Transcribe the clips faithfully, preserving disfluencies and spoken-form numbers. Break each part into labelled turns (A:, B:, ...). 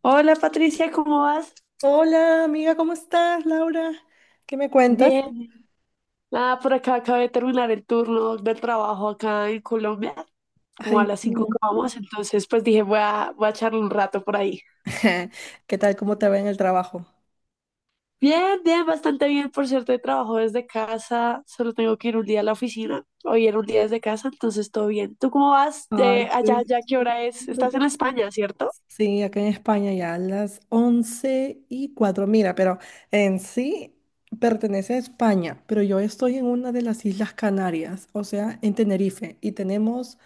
A: Hola Patricia, ¿cómo vas?
B: Hola, amiga, ¿cómo estás, Laura? ¿Qué me cuentas?
A: Bien, nada, por acá acabé de terminar el turno del trabajo acá en Colombia, como a
B: Ay,
A: las cinco
B: tú.
A: acabamos, entonces pues dije voy a, voy a charlar un rato por ahí.
B: ¿Qué tal? ¿Cómo te va en el trabajo?
A: Bien, bien, bastante bien, por cierto, trabajo desde casa, solo tengo que ir un día a la oficina, hoy era un día desde casa, entonces todo bien. ¿Tú cómo vas?
B: Ay,
A: Eh, allá,
B: estoy
A: allá, ¿qué hora es? Estás
B: súper.
A: en España, ¿cierto?
B: Sí, acá en España ya a las once y cuatro. Mira, pero en sí pertenece a España, pero yo estoy en una de las Islas Canarias, o sea, en Tenerife, y tenemos,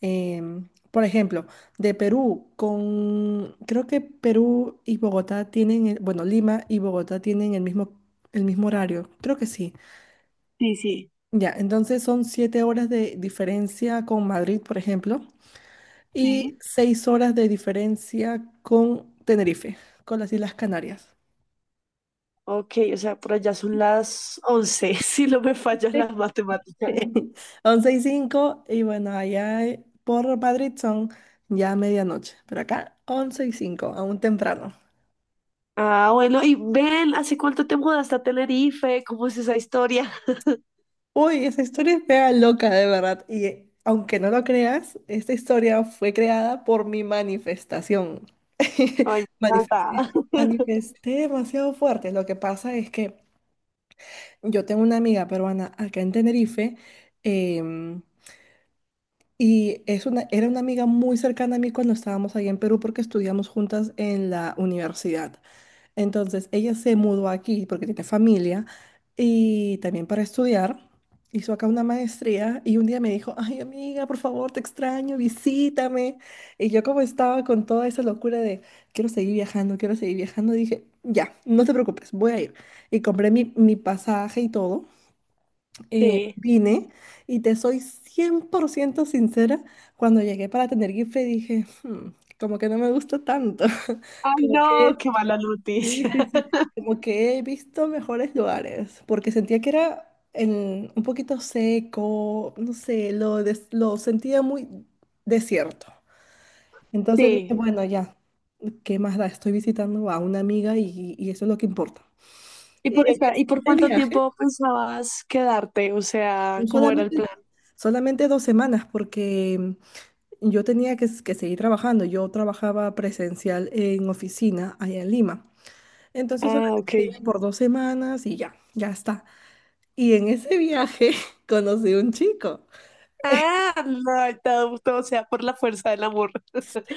B: em, por ejemplo, de Perú con, creo que Perú y Bogotá tienen, el- bueno, Lima y Bogotá tienen el mismo, el mismo horario, creo que sí.
A: Sí, sí.
B: Ya, entonces son siete horas de diferencia con Madrid, por ejemplo, y
A: Sí.
B: seis horas de diferencia con Tenerife, con las Islas Canarias.
A: Ok, o sea, por allá son las once, si no me falla la matemática.
B: Once y cinco, y bueno, allá eh, por Madrid son ya medianoche, pero acá once y cinco, aún temprano.
A: Ah, bueno, y ven, ¿hace cuánto te mudaste a Tenerife? ¿Cómo es esa historia?
B: Uy, esa historia es mega loca, de verdad. Y eh, aunque no lo creas, esta historia fue creada por mi manifestación.
A: Ay, me encanta.
B: Manifesté, manifesté demasiado fuerte. Lo que pasa es que yo tengo una amiga peruana acá en Tenerife. em, Y es una, era una amiga muy cercana a mí cuando estábamos allá en Perú porque estudiamos juntas en la universidad. Entonces, ella se mudó aquí porque tiene familia y también para estudiar. Hizo acá una maestría y un día me dijo, ay, amiga, por favor, te extraño, visítame. Y yo, como estaba con toda esa locura de, quiero seguir viajando, quiero seguir viajando, dije, ya, no te preocupes, voy a ir. Y compré mi, mi pasaje y todo, eh,
A: Sí.
B: vine, y te soy cien por ciento sincera, cuando llegué para tener Gipfel dije, "Hmm, como que no me gusta tanto",
A: Ay,
B: como
A: no,
B: que,
A: qué mala
B: sí,
A: noticia.
B: sí, sí, como que he visto mejores lugares, porque sentía que era en- un poquito seco, no sé, lo, des- lo sentía muy desierto. Entonces dije,
A: Sí.
B: bueno, ya, ¿qué más da? Estoy visitando a una amiga, y, y eso es lo que importa.
A: Y
B: Y
A: por,
B: en
A: espera, ¿y por
B: este
A: cuánto
B: viaje,
A: tiempo pensabas quedarte? O sea, ¿cómo era el
B: Solamente,
A: plan?
B: solamente dos semanas, porque yo tenía que, que seguir trabajando. Yo trabajaba presencial en oficina allá en Lima. Entonces
A: Ah,
B: solamente
A: ok.
B: vine por dos semanas y ya, ya está. Y en ese viaje conocí un chico.
A: Ah, no, todo, todo sea por la fuerza del amor.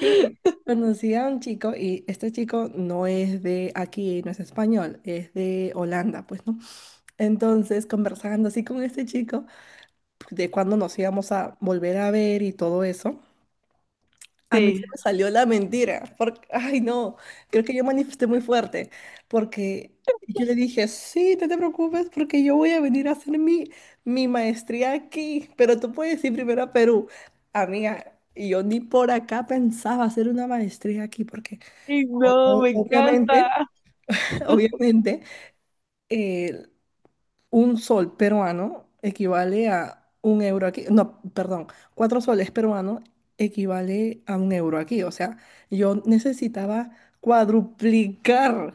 B: Sí, conocí a un chico, y este chico no es de aquí, no es español, es de Holanda, pues, ¿no? Entonces, conversando así con este chico, de cuándo nos íbamos a volver a ver y todo eso. A mí se
A: Sí.
B: me salió la mentira, porque, ay, no, creo que yo manifesté muy fuerte, porque yo le dije, sí, no te preocupes, porque yo voy a venir a hacer mi, mi maestría aquí, pero tú puedes ir primero a Perú. Amiga, y yo ni por acá pensaba hacer una maestría aquí, porque
A: Ay,
B: o-
A: no,
B: o-
A: me
B: obviamente,
A: encanta.
B: obviamente, eh, un sol peruano equivale a un euro aquí. No, perdón, cuatro soles peruanos equivale a un euro aquí. O sea, yo necesitaba cuadruplicar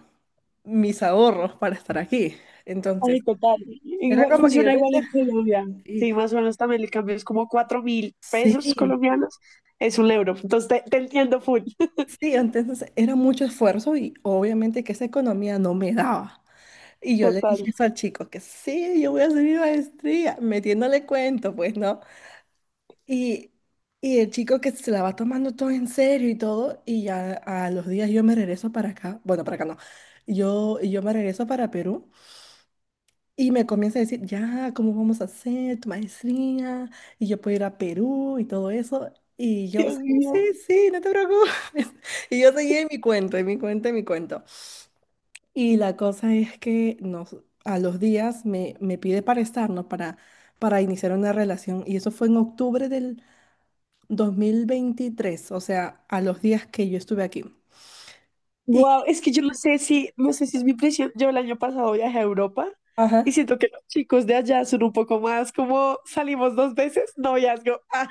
B: mis ahorros para estar aquí. Entonces,
A: Ay, total.
B: era
A: Igual,
B: como que yo
A: funciona
B: tenía...
A: igual en Colombia.
B: y-
A: Sí, más o menos también el cambio es como cuatro mil pesos
B: Sí,
A: colombianos. Es un euro. Entonces te, te entiendo full.
B: sí, entonces era mucho esfuerzo y obviamente que esa economía no me daba. Y yo le
A: Total.
B: dije eso al chico, que sí, yo voy a hacer mi maestría, metiéndole cuento, pues, ¿no? Y, y el chico que se la va tomando todo en serio y todo, y ya a los días yo me regreso para acá, bueno, para acá no, yo, yo me regreso para Perú y me comienza a decir, ya, ¿cómo vamos a hacer tu maestría? Y yo puedo ir a Perú y todo eso. Y yo, sí,
A: Dios mío.
B: sí, sí, no te preocupes. Y yo seguía en mi cuento, en mi cuento, en mi cuento. Y la cosa es que nos, a los días me, me pide para estarnos, para, para iniciar una relación. Y eso fue en octubre del... dos mil veintitrés, o sea, a los días que yo estuve aquí.
A: Wow,
B: Y,
A: es que yo no sé si, no sé si es mi impresión. Yo el año pasado viajé a Europa y
B: ajá.
A: siento que los chicos de allá son un poco más como salimos dos veces, noviazgo. Ah,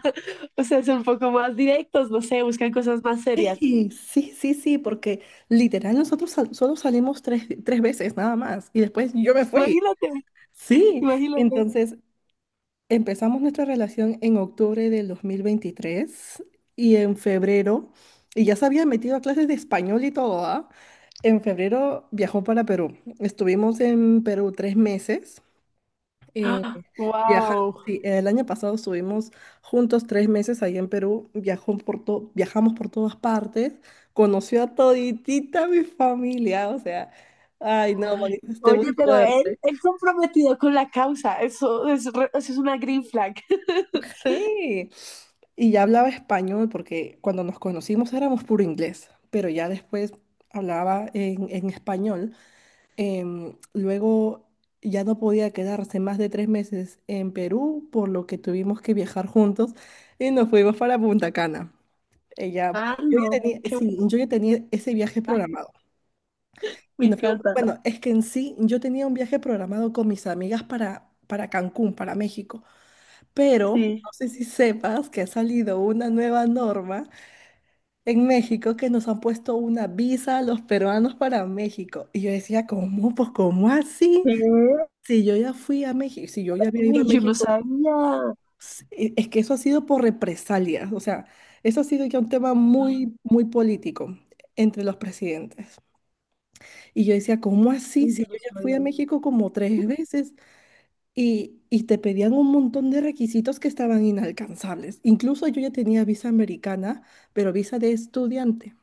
A: o sea, son un poco más directos, no sé, buscan cosas más serias.
B: Sí, sí, sí, sí, porque literal nosotros sal- solo salimos tres, tres veces nada más y después yo me fui.
A: Imagínate,
B: Sí,
A: imagínate.
B: entonces empezamos nuestra relación en octubre del dos mil veintitrés y en febrero, y ya se había metido a clases de español y todo, ¿ah? En febrero viajó para Perú. Estuvimos en Perú tres meses. Eh, viaja,
A: Wow.
B: sí, el año pasado estuvimos juntos tres meses ahí en Perú, viajó por to- viajamos por todas partes, conoció a toditita mi familia, o sea, ay, no,
A: Ay,
B: manifesté
A: oye,
B: muy
A: pero él,
B: fuerte.
A: él comprometido con la causa, eso es, re- eso es una green flag.
B: Sí, y ya hablaba español, porque cuando nos conocimos éramos puro inglés, pero ya después hablaba en, en español. Em, luego ya no podía quedarse más de tres meses en Perú, por lo que tuvimos que viajar juntos y nos fuimos para Punta Cana. Ella,
A: Ah,
B: yo
A: no,
B: ya tenía,
A: qué
B: sí,
A: bueno,
B: yo ya tenía ese viaje programado.
A: me
B: Y nos fuimos,
A: encanta.
B: bueno, es que en sí yo tenía un viaje programado con mis amigas para, para Cancún, para México, pero no
A: Sí.
B: sé si sepas que ha salido una nueva norma en México, que nos han puesto una visa a los peruanos para México. Y yo decía, ¿cómo? Pues, ¿cómo así?
A: ¿Qué?
B: Si yo ya fui a México, si yo ya había ido a
A: Ay, yo no
B: México,
A: sabía.
B: s- e- es que eso ha sido por represalias, o sea, eso ha sido ya un tema
A: Ay,
B: muy, muy político entre los presidentes. Y yo decía, ¿cómo así? Si
A: yo no
B: yo ya fui a
A: sabía.
B: México como tres veces, y, y te pedían un montón de requisitos que estaban inalcanzables. Incluso yo ya tenía visa americana, pero visa de estudiante.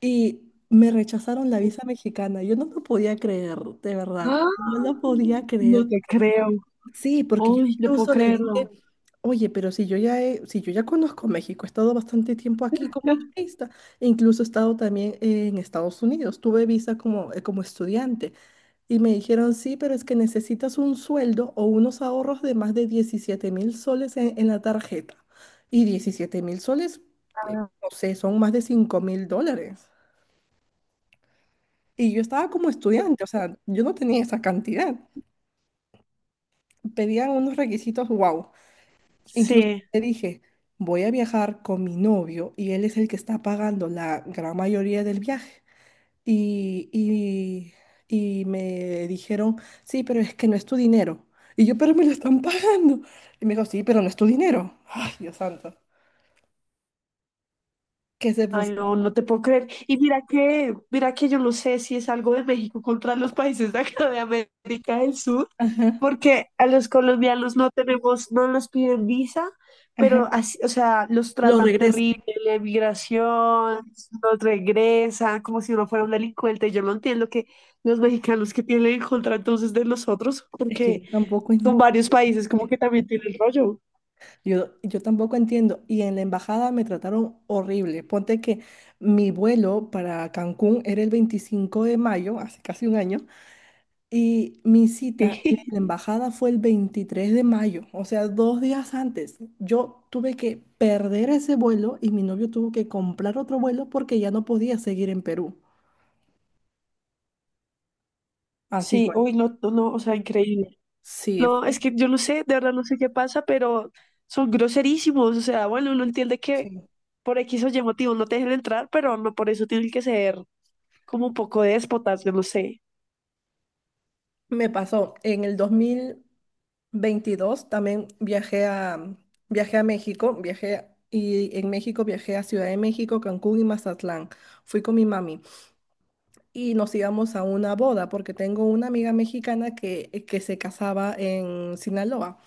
B: Y me rechazaron la visa mexicana. Yo no lo podía creer, de verdad.
A: Ah,
B: No lo podía
A: no
B: creer.
A: te creo.
B: Sí, porque yo
A: Uy, no puedo
B: incluso les dije,
A: creerlo.
B: oye, pero si yo ya he- si yo ya conozco México, he estado bastante tiempo aquí como turista, e incluso he estado también en Estados Unidos, tuve visa como, eh, como estudiante, y me dijeron, sí, pero es que necesitas un sueldo o unos ahorros de más de diecisiete mil soles en, en la tarjeta. Y diecisiete mil soles, eh, no sé, son más de cinco mil dólares. Y yo estaba como estudiante, o sea, yo no tenía esa cantidad. Pedían unos requisitos, wow. Incluso
A: Sí.
B: te dije, voy a viajar con mi novio y él es el que está pagando la gran mayoría del viaje. Y, y, y me dijeron, sí, pero es que no es tu dinero. Y yo, pero me lo están pagando. Y me dijo, sí, pero no es tu dinero. Ay, Dios santo. Que se
A: Ay,
B: pusieron.
A: no, no te puedo creer. Y mira que, mira que yo no sé si es algo de México contra los países de acá de América del Sur,
B: Ajá,
A: porque a los colombianos no tenemos, no nos piden visa, pero
B: ajá.
A: así, o sea, los
B: Lo
A: tratan
B: regreso.
A: terrible, la emigración, los regresan, como si uno fuera un delincuente. Yo no entiendo que los mexicanos que tienen en contra entonces de nosotros,
B: Es que
A: porque
B: yo tampoco,
A: son
B: en-
A: varios países como que también tienen rollo.
B: yo, yo tampoco entiendo. Y en la embajada me trataron horrible. Ponte que mi vuelo para Cancún era el veinticinco de mayo, hace casi un año. Y mi cita en la embajada fue el veintitrés de mayo, o sea, dos días antes. Yo tuve que perder ese vuelo y mi novio tuvo que comprar otro vuelo porque ya no podía seguir en Perú.
A: Sí,
B: Así fue.
A: sí, uy, no, no, no, o sea, increíble.
B: Sí,
A: No, es
B: fue-
A: que yo no sé, de verdad no sé qué pasa, pero son groserísimos. O sea, bueno, uno entiende
B: sí.
A: que por X o Y motivo no te dejen entrar, pero no por eso tienen que ser como un poco déspotas, yo no sé.
B: Me pasó. En el dos mil veintidós también viajé a, viajé a México, viajé y en México viajé a Ciudad de México, Cancún y Mazatlán. Fui con mi mami, y nos íbamos a una boda, porque tengo una amiga mexicana que, eh, que se casaba en Sinaloa.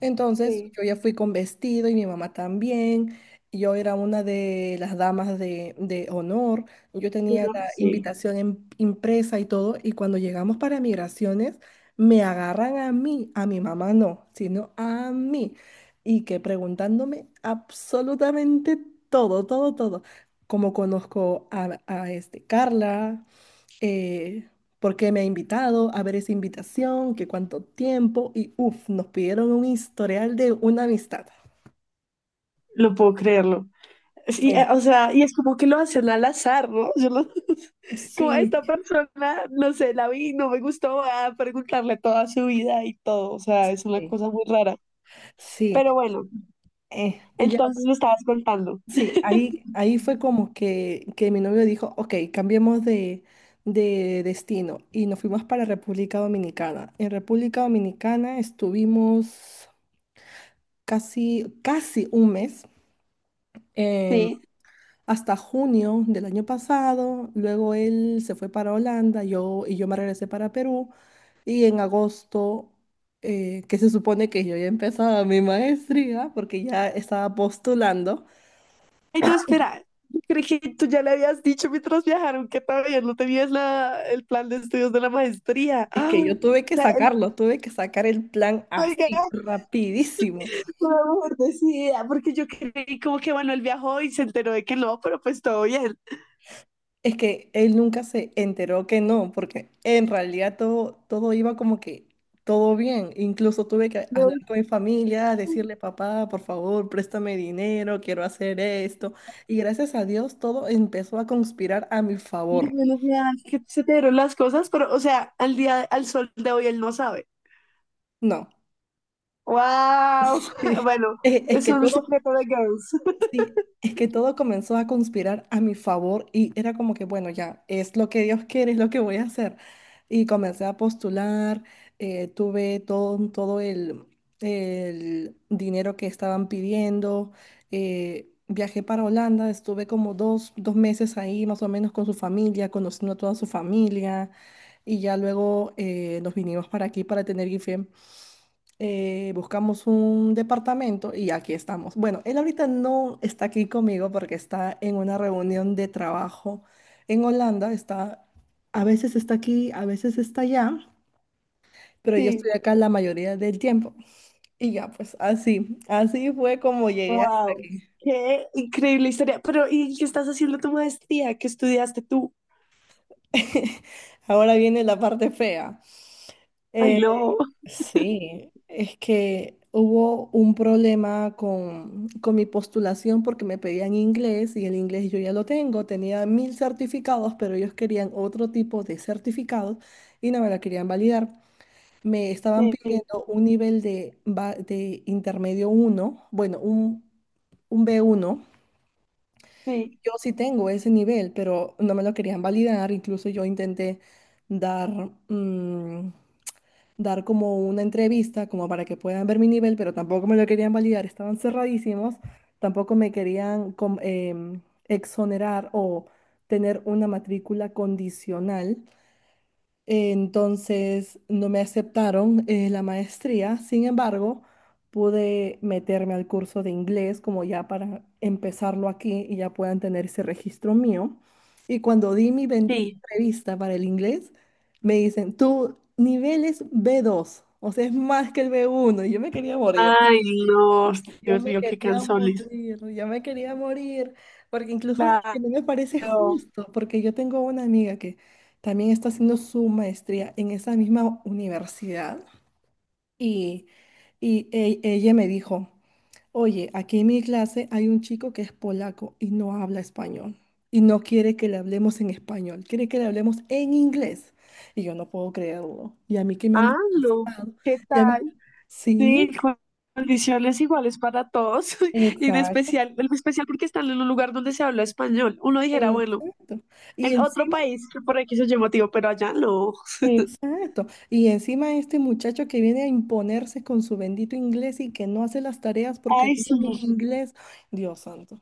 B: Entonces
A: Sí,
B: yo ya fui con vestido y mi mamá también. Yo era una de las damas de, de honor. Yo
A: yo
B: tenía
A: no
B: la
A: sé,
B: invitación em- impresa y todo. Y cuando llegamos para migraciones, me agarran a mí, a mi mamá no, sino a mí. Y que preguntándome absolutamente todo, todo, todo. Como conozco a, a este Carla, eh, por qué me ha invitado, a ver esa invitación, que cuánto tiempo, y uff, nos pidieron un historial de una amistad.
A: no puedo creerlo. Sí, eh,
B: Sí,
A: o sea, y es como que lo hacen al azar, ¿no? Yo no- como a esta
B: sí,
A: persona, no sé, la vi, no me gustó, voy a preguntarle toda su vida y todo. O sea, es una
B: sí,
A: cosa muy rara.
B: sí,
A: Pero bueno,
B: eh, ya,
A: entonces me estabas contando.
B: sí, ahí, ahí fue como que, que mi novio dijo, ok, cambiemos de, de destino, y nos fuimos para República Dominicana. En República Dominicana estuvimos casi, casi un mes. em,
A: Sí.
B: Hasta junio del año pasado, luego él se fue para Holanda, yo y yo me regresé para Perú, y en agosto, eh, que se supone que yo ya empezaba mi maestría porque ya estaba postulando,
A: Ay, no, espera. Yo creí que tú ya le habías dicho mientras viajaron que todavía no tenías la, el plan de estudios de la maestría.
B: es
A: ¡Ah!
B: que yo
A: O
B: tuve que
A: sea, el,
B: sacarlo, tuve que sacar el plan
A: oiga,
B: así, rapidísimo.
A: por favor, decida, porque yo creí como que Manuel viajó y se enteró de que no, pero pues todo bien.
B: Es que él nunca se enteró que no, porque en realidad todo, todo iba como que todo bien. Incluso tuve que hablar
A: No,
B: con mi familia, decirle, papá, por favor, préstame dinero, quiero hacer esto. Y gracias a Dios todo empezó a conspirar a mi
A: y
B: favor.
A: menos mal que se te dieron las cosas, pero, o sea, al día, al sol de hoy él no sabe.
B: No.
A: ¡Wow!
B: Sí.
A: Bueno,
B: Es, es
A: es
B: que
A: un
B: todo
A: secreto de girls.
B: Sí, es que todo comenzó a conspirar a mi favor y era como que, bueno, ya, es lo que Dios quiere, es lo que voy a hacer. Y comencé a postular, eh, tuve todo, todo el, el dinero que estaban pidiendo, eh, viajé para Holanda, estuve como dos, dos meses ahí más o menos con su familia, conociendo a toda su familia, y ya luego, eh, nos vinimos para aquí para tener I F E M, eh, buscamos un departamento y aquí estamos. Bueno, él ahorita no está aquí conmigo porque está en una reunión de trabajo en Holanda. Está, a veces está aquí, a veces está allá, pero yo estoy
A: Sí,
B: acá la mayoría del tiempo. Y ya, pues así, así fue como llegué hasta
A: wow.
B: aquí.
A: Qué increíble historia. Pero, ¿y qué estás haciendo tu maestría? ¿Qué estudiaste tú?
B: Ahora viene la parte fea.
A: Ay,
B: Eh,
A: no.
B: Sí, es que hubo un problema con, con mi postulación porque me pedían inglés y el inglés yo ya lo tengo, tenía mil certificados, pero ellos querían otro tipo de certificados y no me la querían validar. Me estaban
A: Sí,
B: pidiendo un nivel de, ba- de intermedio uno, bueno, un, un b uno.
A: sí,
B: Yo sí tengo ese nivel, pero no me lo querían validar. Incluso yo intenté dar, mm, dar como una entrevista, como para que puedan ver mi nivel, pero tampoco me lo querían validar, estaban cerradísimos, tampoco me querían com- em, exonerar o tener una matrícula condicional. Entonces no me aceptaron eh, la maestría. Sin embargo, pude meterme al curso de inglés como ya para empezarlo aquí y ya puedan tener ese registro mío. Y cuando di mi bendita
A: sí.
B: entrevista para el inglés, me dicen, tu nivel es B dos, o sea, es más que el B uno, y yo me quería morir.
A: Ay, no.
B: Yo
A: Dios
B: me
A: mío, qué
B: quería
A: cansones.
B: morir, yo me quería morir, porque incluso es que no me parece
A: Claro.
B: justo, porque yo tengo una amiga que también está haciendo su maestría en esa misma universidad y, y e- ella me dijo, oye, aquí en mi clase hay un chico que es polaco y no habla español y no quiere que le hablemos en español, quiere que le hablemos en inglés. Y yo no puedo creerlo. Y a mí que me han
A: Ah, no.
B: rechazado.
A: ¿Qué
B: Y a mí,
A: tal? Sí,
B: sí.
A: con condiciones iguales para todos. Y en
B: Exacto.
A: especial, en especial porque están en un lugar donde se habla español. Uno dijera, bueno,
B: Exacto. Y
A: en otro
B: encima,
A: país, que por aquí se llama motivo, pero allá no.
B: exacto. Y encima este muchacho que viene a imponerse con su bendito inglés y que no hace las tareas porque
A: Ay,
B: no
A: sí.
B: sabe inglés. Dios santo.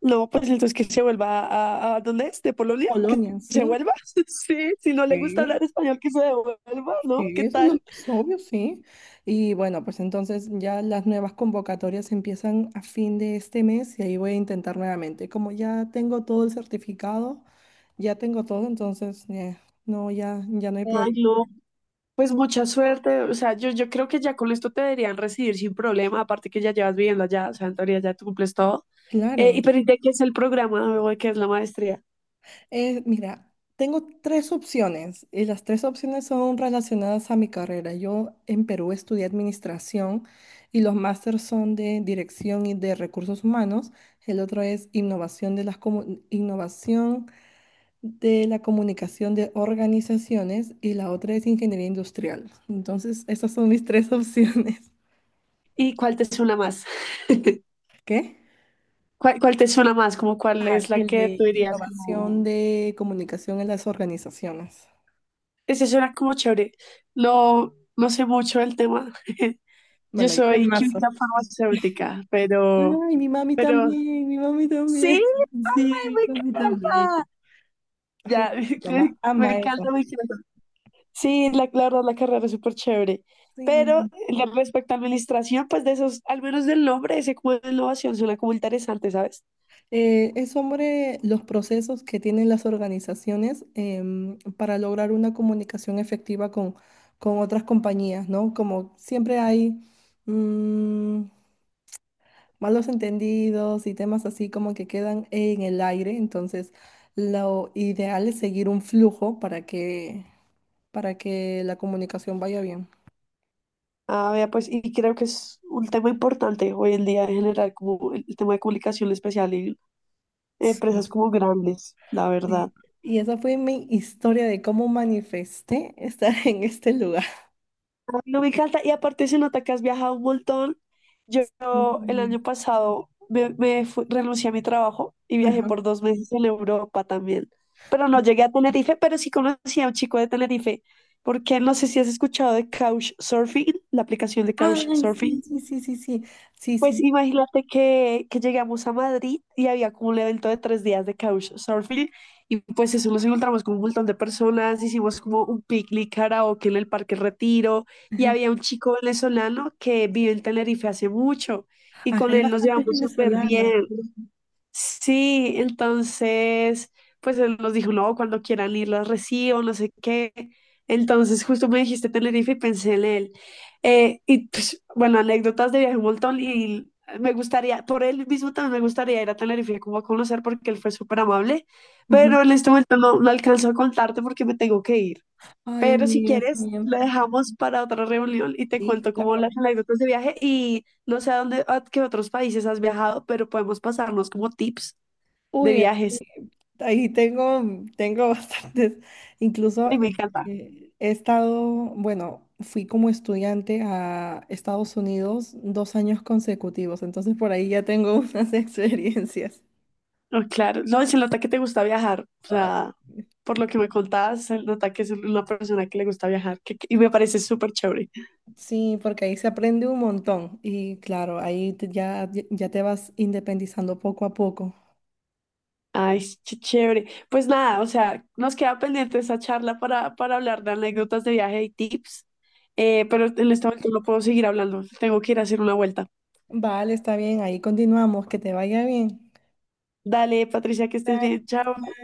A: No, pues entonces que se vuelva a, a ¿dónde es? ¿De Polonia? Que
B: Polonia,
A: se
B: sí.
A: vuelva. Sí, si no le gusta
B: Sí,
A: hablar español, que se devuelva, ¿no?
B: sí,
A: ¿Qué
B: eso es lo
A: tal?
B: más obvio, sí. Y bueno, pues entonces ya las nuevas convocatorias empiezan a fin de este mes y ahí voy a intentar nuevamente. Como ya tengo todo el certificado, ya tengo todo, entonces eh, no, ya, ya no hay
A: Ay,
B: problema.
A: no, pues mucha suerte, o sea, yo, yo creo que ya con esto te deberían recibir sin problema, aparte que ya llevas viviendo allá, o sea, en teoría ya tú cumples todo. Eh,
B: Claro.
A: y pero, ¿y de qué es el programa o de qué es la maestría?
B: Eh, mira, tengo tres opciones y las tres opciones son relacionadas a mi carrera. Yo en Perú estudié administración y los másters son de dirección y de recursos humanos. El otro es innovación de las comu- innovación de la comunicación de organizaciones y la otra es ingeniería industrial. Entonces, esas son mis tres opciones.
A: ¿Y cuál te suena más?
B: ¿Qué?
A: ¿Cuál, cuál te suena más? Como cuál es la
B: El
A: que
B: de
A: tú dirías como,
B: innovación de comunicación en las organizaciones.
A: ese suena como chévere. No, no sé mucho del tema. Yo
B: Bueno, yo te...
A: soy química farmacéutica, pero,
B: Ay, mi mami
A: pero
B: también, mi mami
A: sí,
B: también. Sí,
A: ay,
B: mi
A: me
B: mami también.
A: encanta.
B: Ay,
A: Ya,
B: mi mamá
A: me
B: ama eso.
A: encanta, me encanta. Sí, la, la verdad, la carrera es súper chévere. Pero
B: Sí.
A: la- respecto a administración, pues de esos, al menos del nombre, ese como de innovación suena como interesante, ¿sabes?
B: Eh, es sobre los procesos que tienen las organizaciones em, para lograr una comunicación efectiva con, con otras compañías, ¿no? Como siempre hay mm, malos entendidos y temas así como que quedan en el aire, entonces lo ideal es seguir un flujo para que, para que la comunicación vaya bien.
A: Ah, vea, pues, y creo que es un tema importante hoy en día en general, como el, el tema de comunicación especial en empresas como grandes, la verdad.
B: Y esa fue mi historia de cómo manifesté estar en este lugar.
A: Ay, no me encanta. Y aparte se nota que has viajado un montón. Yo yo el
B: Sí.
A: año pasado me, me fui- renuncié a mi trabajo y viajé por
B: Ajá.
A: dos meses en Europa también. Pero no llegué a Tenerife, pero sí conocí a un chico de Tenerife, porque no sé si has escuchado de Couchsurfing, la aplicación de
B: Ay, sí,
A: Couchsurfing.
B: sí, sí, sí, sí, sí, sí,
A: Pues
B: sí.
A: imagínate que, que llegamos a Madrid y había como un evento de tres días de couchsurfing y pues eso nos encontramos con un montón de personas, hicimos como un picnic karaoke en el Parque Retiro y
B: Ajá.
A: había un chico venezolano que vive en Tenerife hace mucho y
B: Ajá,
A: con
B: hay
A: él nos
B: bastantes
A: llevamos súper bien.
B: venezolanos.
A: Sí, entonces, pues él nos dijo, no, cuando quieran ir las recibo, no sé qué. Entonces, justo me dijiste Tenerife y pensé en él. Eh, y pues, bueno, anécdotas de viaje un montón y me gustaría, por él mismo también me gustaría ir a Tenerife como a conocer porque él fue súper amable,
B: Ujú.
A: pero en este momento no, no alcanzo a contarte porque me tengo que ir.
B: Ay,
A: Pero si
B: amiga, sí,
A: quieres,
B: em-
A: la dejamos para otra reunión y te
B: sí,
A: cuento como
B: claro.
A: las anécdotas de viaje y no sé a dónde, a qué otros países has viajado, pero podemos pasarnos como tips de
B: Uy,
A: viajes.
B: aquí... ahí tengo, tengo bastantes. Incluso
A: Ay, me
B: eh,
A: encanta.
B: eh, he estado, bueno, fui como estudiante a Estados Unidos dos años consecutivos, entonces por ahí ya tengo unas experiencias.
A: No, claro. No, se nota que te gusta viajar. O
B: Ay.
A: sea, por lo que me contabas, se nota que es una persona que le gusta viajar. Que- que- y me parece súper chévere.
B: Sí, porque ahí se aprende un montón y claro, ahí te... ya, ya te vas independizando poco a poco.
A: Ay, sí, qué chévere. Pues nada, o sea, nos queda pendiente esa charla para, para hablar de anécdotas de viaje y tips. Eh, pero en este momento no puedo seguir hablando. Tengo que ir a hacer una vuelta.
B: Vale, está bien, ahí continuamos, que te vaya bien.
A: Dale, Patricia, que estés
B: Bye.
A: bien. Chao.